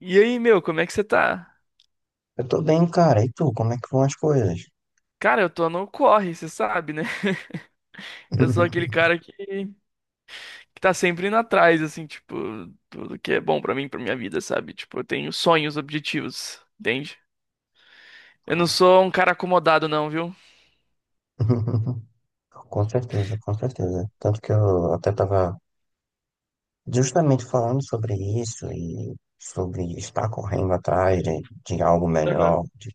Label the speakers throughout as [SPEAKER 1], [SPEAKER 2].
[SPEAKER 1] E aí, meu, como é que você tá?
[SPEAKER 2] Eu tô bem, cara. E tu, como é que vão as coisas?
[SPEAKER 1] Cara, eu tô no corre, você sabe, né? Eu sou aquele cara que tá sempre indo atrás, assim, tipo, tudo que é bom pra mim, pra minha vida, sabe? Tipo, eu tenho sonhos, objetivos, entende? Eu não
[SPEAKER 2] Claro.
[SPEAKER 1] sou um cara acomodado, não, viu?
[SPEAKER 2] Com certeza, com certeza. Tanto que eu até estava justamente falando sobre isso e sobre estar correndo atrás de algo
[SPEAKER 1] Aham.
[SPEAKER 2] melhor.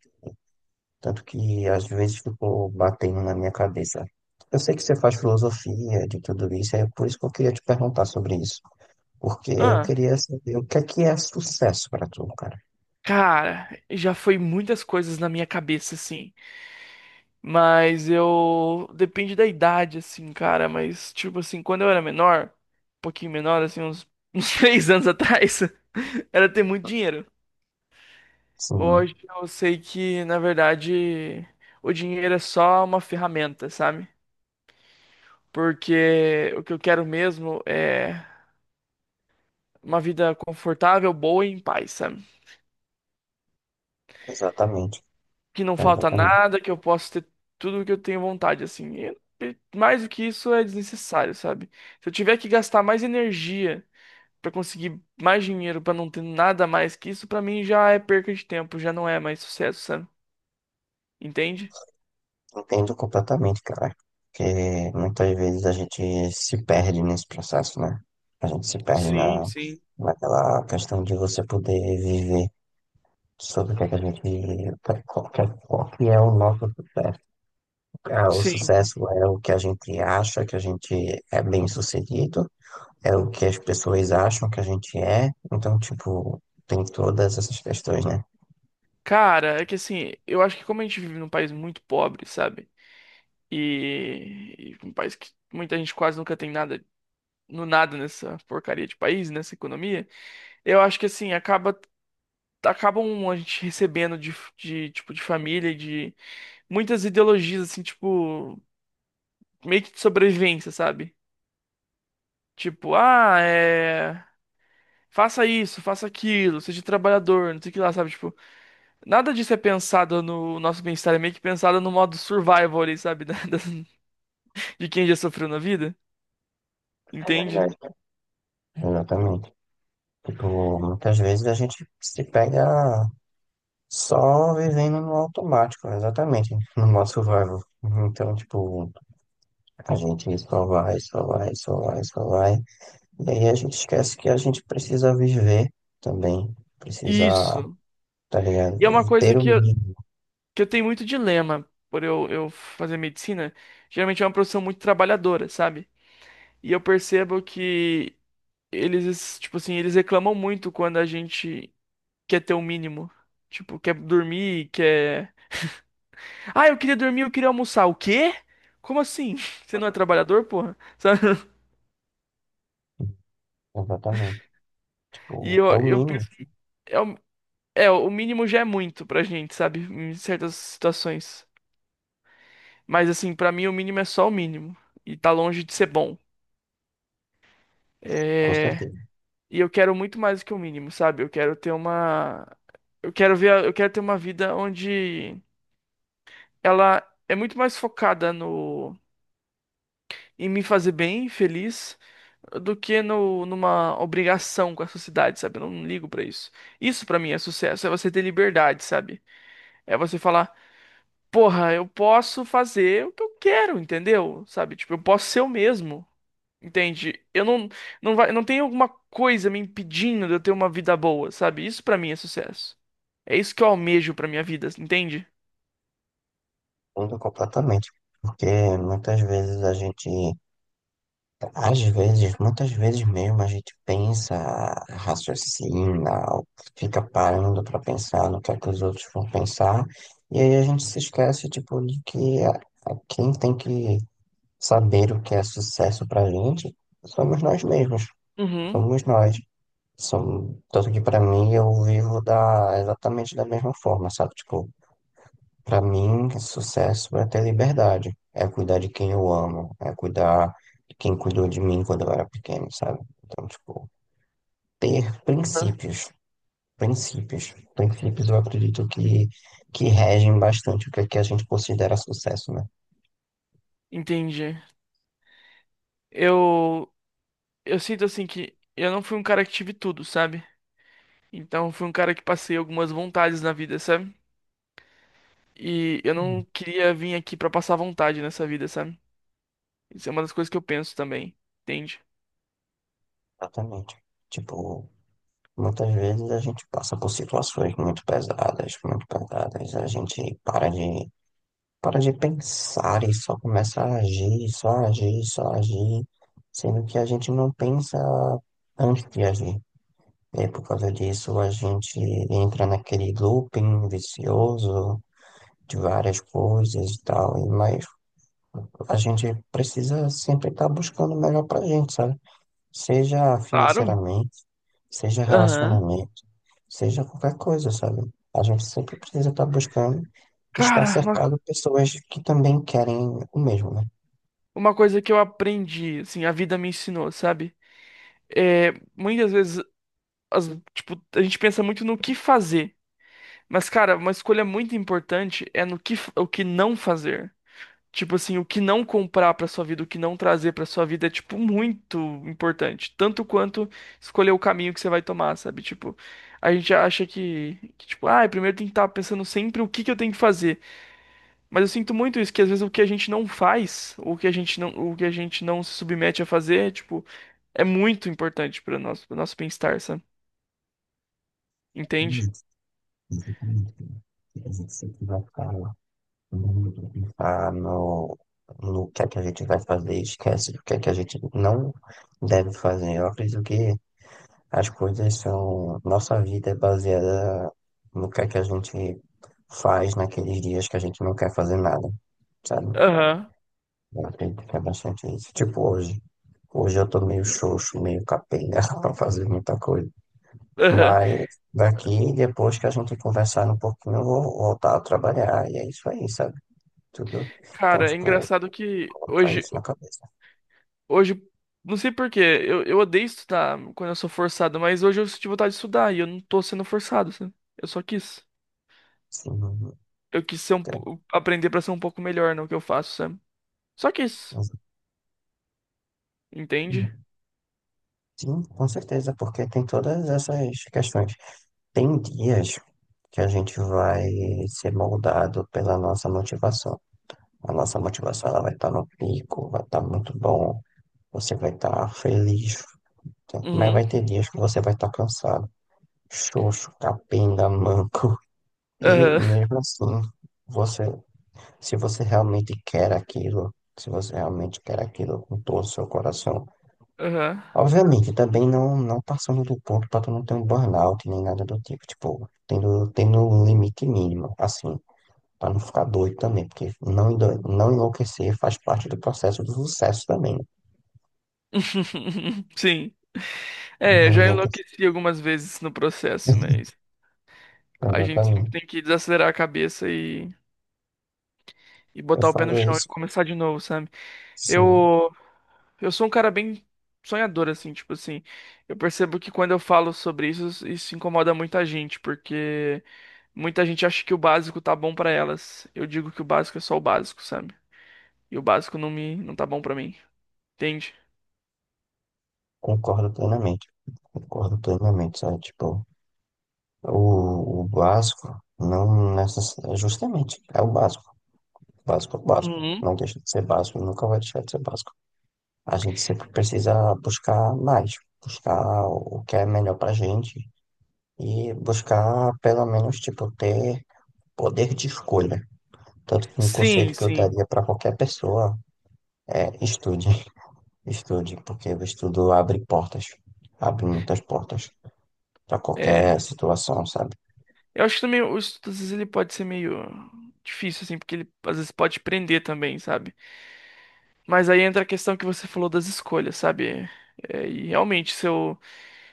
[SPEAKER 2] Tanto que às vezes ficou batendo na minha cabeça. Eu sei que você faz filosofia de tudo isso, é por isso que eu queria te perguntar sobre isso. Porque eu
[SPEAKER 1] Ah,
[SPEAKER 2] queria saber o que é sucesso para tu, cara.
[SPEAKER 1] cara, já foi muitas coisas na minha cabeça, assim. Mas eu. Depende da idade, assim, cara. Mas, tipo, assim, quando eu era menor, um pouquinho menor, assim, uns três anos atrás, era ter muito dinheiro.
[SPEAKER 2] Sim,
[SPEAKER 1] Hoje eu sei que, na verdade, o dinheiro é só uma ferramenta, sabe? Porque o que eu quero mesmo é uma vida confortável, boa e em paz, sabe?
[SPEAKER 2] exatamente.
[SPEAKER 1] Que não falta
[SPEAKER 2] Exatamente.
[SPEAKER 1] nada, que eu posso ter tudo o que eu tenho vontade, assim. E mais do que isso é desnecessário, sabe? Se eu tiver que gastar mais energia pra conseguir mais dinheiro, pra não ter nada mais que isso, pra mim já é perca de tempo, já não é mais sucesso, sabe? Entende?
[SPEAKER 2] Entendo completamente, cara. Porque muitas vezes a gente se perde nesse processo, né? A gente se perde
[SPEAKER 1] Sim,
[SPEAKER 2] na,
[SPEAKER 1] sim.
[SPEAKER 2] Naquela questão de você poder viver sobre o que é que a gente. Qual que é o nosso sucesso? Ah, o
[SPEAKER 1] Sim.
[SPEAKER 2] sucesso é o que a gente acha que a gente é bem-sucedido, é o que as pessoas acham que a gente é. Então, tipo, tem todas essas questões, né?
[SPEAKER 1] Cara, é que assim, eu acho que como a gente vive num país muito pobre, sabe? E um país que muita gente quase nunca tem nada, no nada nessa porcaria de país, nessa economia, eu acho que assim, acabam a gente recebendo de tipo de família, e de muitas ideologias assim, tipo, meio que de sobrevivência, sabe? Tipo, ah, é, faça isso, faça aquilo, seja trabalhador, não sei o que lá, sabe? Tipo, nada disso é pensado no nosso bem-estar, é meio que pensado no modo survival ali, sabe? De quem já sofreu na vida,
[SPEAKER 2] É
[SPEAKER 1] entende?
[SPEAKER 2] verdade. Exatamente. Tipo, muitas vezes a gente se pega. Só vivendo no automático, exatamente, no modo survival. Então, tipo, a gente só vai, só vai, só vai, só vai. E aí a gente esquece que a gente precisa viver também. Precisa,
[SPEAKER 1] Isso.
[SPEAKER 2] tá ligado?
[SPEAKER 1] E é uma coisa
[SPEAKER 2] Ter o
[SPEAKER 1] que eu,
[SPEAKER 2] mínimo.
[SPEAKER 1] que eu tenho muito dilema por eu fazer medicina. Geralmente é uma profissão muito trabalhadora, sabe? E eu percebo que eles, tipo assim, eles reclamam muito quando a gente quer ter o mínimo. Tipo, quer dormir, quer. Ah, eu queria dormir, eu queria almoçar. O quê? Como assim? Você não é trabalhador, porra? Sabe?
[SPEAKER 2] Exatamente.
[SPEAKER 1] E
[SPEAKER 2] Tipo, é
[SPEAKER 1] eu,
[SPEAKER 2] o
[SPEAKER 1] eu
[SPEAKER 2] mínimo,
[SPEAKER 1] penso. É, o- o mínimo já é muito pra gente, sabe? Em certas situações. Mas assim, pra mim o mínimo é só o mínimo. E tá longe de ser bom.
[SPEAKER 2] com
[SPEAKER 1] É...
[SPEAKER 2] certeza.
[SPEAKER 1] E eu quero muito mais do que o mínimo, sabe? Eu quero ter uma. Eu quero ver. Eu quero ter uma vida onde ela é muito mais focada no, em me fazer bem, feliz, do que no, numa obrigação com a sociedade, sabe? Eu não ligo pra isso. Isso pra mim é sucesso, é você ter liberdade, sabe? É você falar, porra, eu posso fazer o que eu quero, entendeu? Sabe? Tipo, eu posso ser eu mesmo. Entende? Eu não, não vai, não tem alguma coisa me impedindo de eu ter uma vida boa, sabe? Isso pra mim é sucesso. É isso que eu almejo pra minha vida, entende?
[SPEAKER 2] Muda completamente. Porque muitas vezes a gente às vezes, muitas vezes mesmo, a gente pensa, raciocina, ou fica parando para pensar no que é que os outros vão pensar, e aí a gente se esquece, tipo, de que quem tem que saber o que é sucesso pra gente somos nós mesmos,
[SPEAKER 1] Uhum.
[SPEAKER 2] somos nós. Tanto que pra mim eu vivo da, exatamente da mesma forma, sabe? Tipo, para mim, sucesso é ter liberdade, é cuidar de quem eu amo, é cuidar de quem cuidou de mim quando eu era pequeno, sabe? Então, tipo, ter
[SPEAKER 1] Tá.
[SPEAKER 2] princípios, princípios eu acredito que regem bastante o que, é que a gente considera sucesso, né?
[SPEAKER 1] Entendi. Eu, eu sinto assim que eu não fui um cara que tive tudo, sabe? Então eu fui um cara que passei algumas vontades na vida, sabe? E eu não queria vir aqui pra passar vontade nessa vida, sabe? Isso é uma das coisas que eu penso também, entende?
[SPEAKER 2] Exatamente. Tipo, muitas vezes a gente passa por situações muito pesadas, a gente para de pensar e só começa a agir, só agir, só agir, sendo que a gente não pensa antes de agir. E por causa disso a gente entra naquele looping vicioso de várias coisas e tal, mas a gente precisa sempre estar buscando o melhor pra gente, sabe? Seja
[SPEAKER 1] Claro.
[SPEAKER 2] financeiramente, seja
[SPEAKER 1] Aham.
[SPEAKER 2] relacionamento, seja qualquer coisa, sabe? A gente sempre precisa estar buscando estar
[SPEAKER 1] Cara, uma,
[SPEAKER 2] cercado de pessoas que também querem o mesmo, né?
[SPEAKER 1] uma coisa que eu aprendi, assim, a vida me ensinou, sabe? É, muitas vezes as- tipo, a gente pensa muito no que fazer. Mas, cara, uma escolha muito importante é no que, o que não fazer. Tipo assim, o que não comprar pra sua vida, o que não trazer pra sua vida é, tipo, muito importante. Tanto quanto escolher o caminho que você vai tomar, sabe? Tipo, a gente acha que tipo, ah, primeiro tem que estar pensando sempre o que que eu tenho que fazer. Mas eu sinto muito isso, que às vezes o que a gente não faz, ou o que a gente não, o que a gente não se submete a fazer, tipo, é muito importante para nosso bem-estar, sabe? Entende?
[SPEAKER 2] Exatamente, exatamente. A gente sempre vai ficar lá mundo, pensar no, no que é que a gente vai fazer, esquece do que é que a gente não deve fazer. Eu acredito que as coisas são. Nossa vida é baseada no que é que a gente faz naqueles dias que a gente não quer fazer nada, sabe?
[SPEAKER 1] Aham.
[SPEAKER 2] Eu acredito que é bastante isso. Tipo hoje. Hoje eu tô meio xoxo, meio capenga pra fazer muita coisa.
[SPEAKER 1] Aham.
[SPEAKER 2] Mas daqui, depois que a gente conversar um pouquinho, eu vou voltar a trabalhar. E é isso aí, sabe? Tudo. Então,
[SPEAKER 1] Cara, é
[SPEAKER 2] tipo,
[SPEAKER 1] engraçado que
[SPEAKER 2] colocar
[SPEAKER 1] hoje,
[SPEAKER 2] isso na cabeça.
[SPEAKER 1] hoje, não sei por quê, eu odeio estudar quando eu sou forçado, mas hoje eu senti vontade de estudar e eu não tô sendo forçado, sabe? Eu só quis.
[SPEAKER 2] Sim,
[SPEAKER 1] Eu quis ser um,
[SPEAKER 2] entendo.
[SPEAKER 1] aprender pra ser um pouco melhor no que eu faço, sabe? Só quis. Entende?
[SPEAKER 2] Sim, com certeza, porque tem todas essas questões. Tem dias que a gente vai ser moldado pela nossa motivação. A nossa motivação ela vai estar no pico, vai estar muito bom, você vai estar feliz, tá? Mas
[SPEAKER 1] Uhum.
[SPEAKER 2] vai ter dias que você vai estar cansado, xoxo, capenga, manco. E
[SPEAKER 1] Aham.
[SPEAKER 2] mesmo assim, você, se você realmente quer aquilo, se você realmente quer aquilo com todo o seu coração,
[SPEAKER 1] Aham.
[SPEAKER 2] obviamente, também não passando do ponto para tu não ter um burnout nem nada do tipo, tipo, tendo um limite mínimo, assim, para não ficar doido também, porque não, endoide- não enlouquecer faz parte do processo do sucesso também, né?
[SPEAKER 1] Sim. É, eu
[SPEAKER 2] Não
[SPEAKER 1] já
[SPEAKER 2] enlouquecer.
[SPEAKER 1] enlouqueci algumas vezes no processo, mas a gente sempre
[SPEAKER 2] Exatamente.
[SPEAKER 1] tem que desacelerar a cabeça e
[SPEAKER 2] Eu
[SPEAKER 1] botar o pé no
[SPEAKER 2] falo
[SPEAKER 1] chão e
[SPEAKER 2] isso,
[SPEAKER 1] começar de novo, sabe?
[SPEAKER 2] sim,
[SPEAKER 1] Eu. Eu sou um cara bem sonhador, assim, tipo assim. Eu percebo que quando eu falo sobre isso, isso incomoda muita gente, porque muita gente acha que o básico tá bom pra elas. Eu digo que o básico é só o básico, sabe? E o básico não me, não tá bom pra mim, entende?
[SPEAKER 2] concordo plenamente. Concordo plenamente, sabe? Tipo, o básico não necessariamente, justamente, é o básico. Básico é o básico.
[SPEAKER 1] Uhum.
[SPEAKER 2] Não deixa de ser básico, nunca vai deixar de ser básico. A gente sempre precisa buscar mais, buscar o que é melhor pra gente e buscar pelo menos tipo ter poder de escolha. Tanto que um conselho
[SPEAKER 1] Sim,
[SPEAKER 2] que eu
[SPEAKER 1] sim.
[SPEAKER 2] daria pra qualquer pessoa é estude, estude, porque o estudo abre portas, abre muitas portas pra
[SPEAKER 1] É.
[SPEAKER 2] qualquer situação, sabe?
[SPEAKER 1] Eu acho que também o estudo, às vezes, ele pode ser meio difícil, assim, porque ele às vezes pode prender também, sabe? Mas aí entra a questão que você falou das escolhas, sabe? É, e realmente, se eu.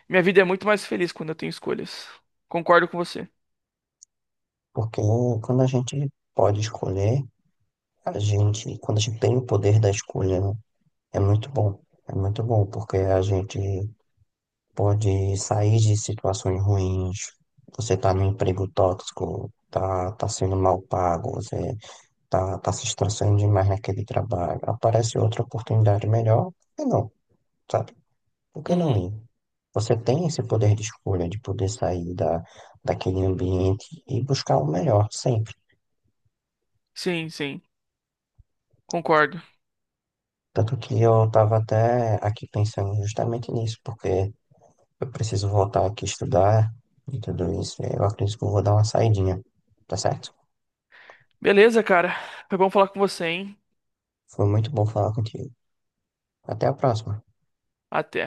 [SPEAKER 1] Minha vida é muito mais feliz quando eu tenho escolhas. Concordo com você.
[SPEAKER 2] Porque quando a gente pode escolher, a gente, quando a gente tem o poder da escolha, né, é muito bom. É muito bom, porque a gente pode sair de situações ruins. Você tá num emprego tóxico, tá sendo mal pago, você tá se estressando demais naquele trabalho. Aparece outra oportunidade melhor, por que não, sabe? Por que não
[SPEAKER 1] Uhum.
[SPEAKER 2] ir? Você tem esse poder de escolha de poder sair daquele ambiente e buscar o melhor sempre.
[SPEAKER 1] Sim, sim. Concordo.
[SPEAKER 2] Tanto que eu estava até aqui pensando justamente nisso, porque eu preciso voltar aqui estudar e tudo isso. Eu acredito que eu vou dar uma saidinha, tá certo?
[SPEAKER 1] Beleza, cara. Foi bom falar com você, hein?
[SPEAKER 2] Foi muito bom falar contigo. Até a próxima.
[SPEAKER 1] Até.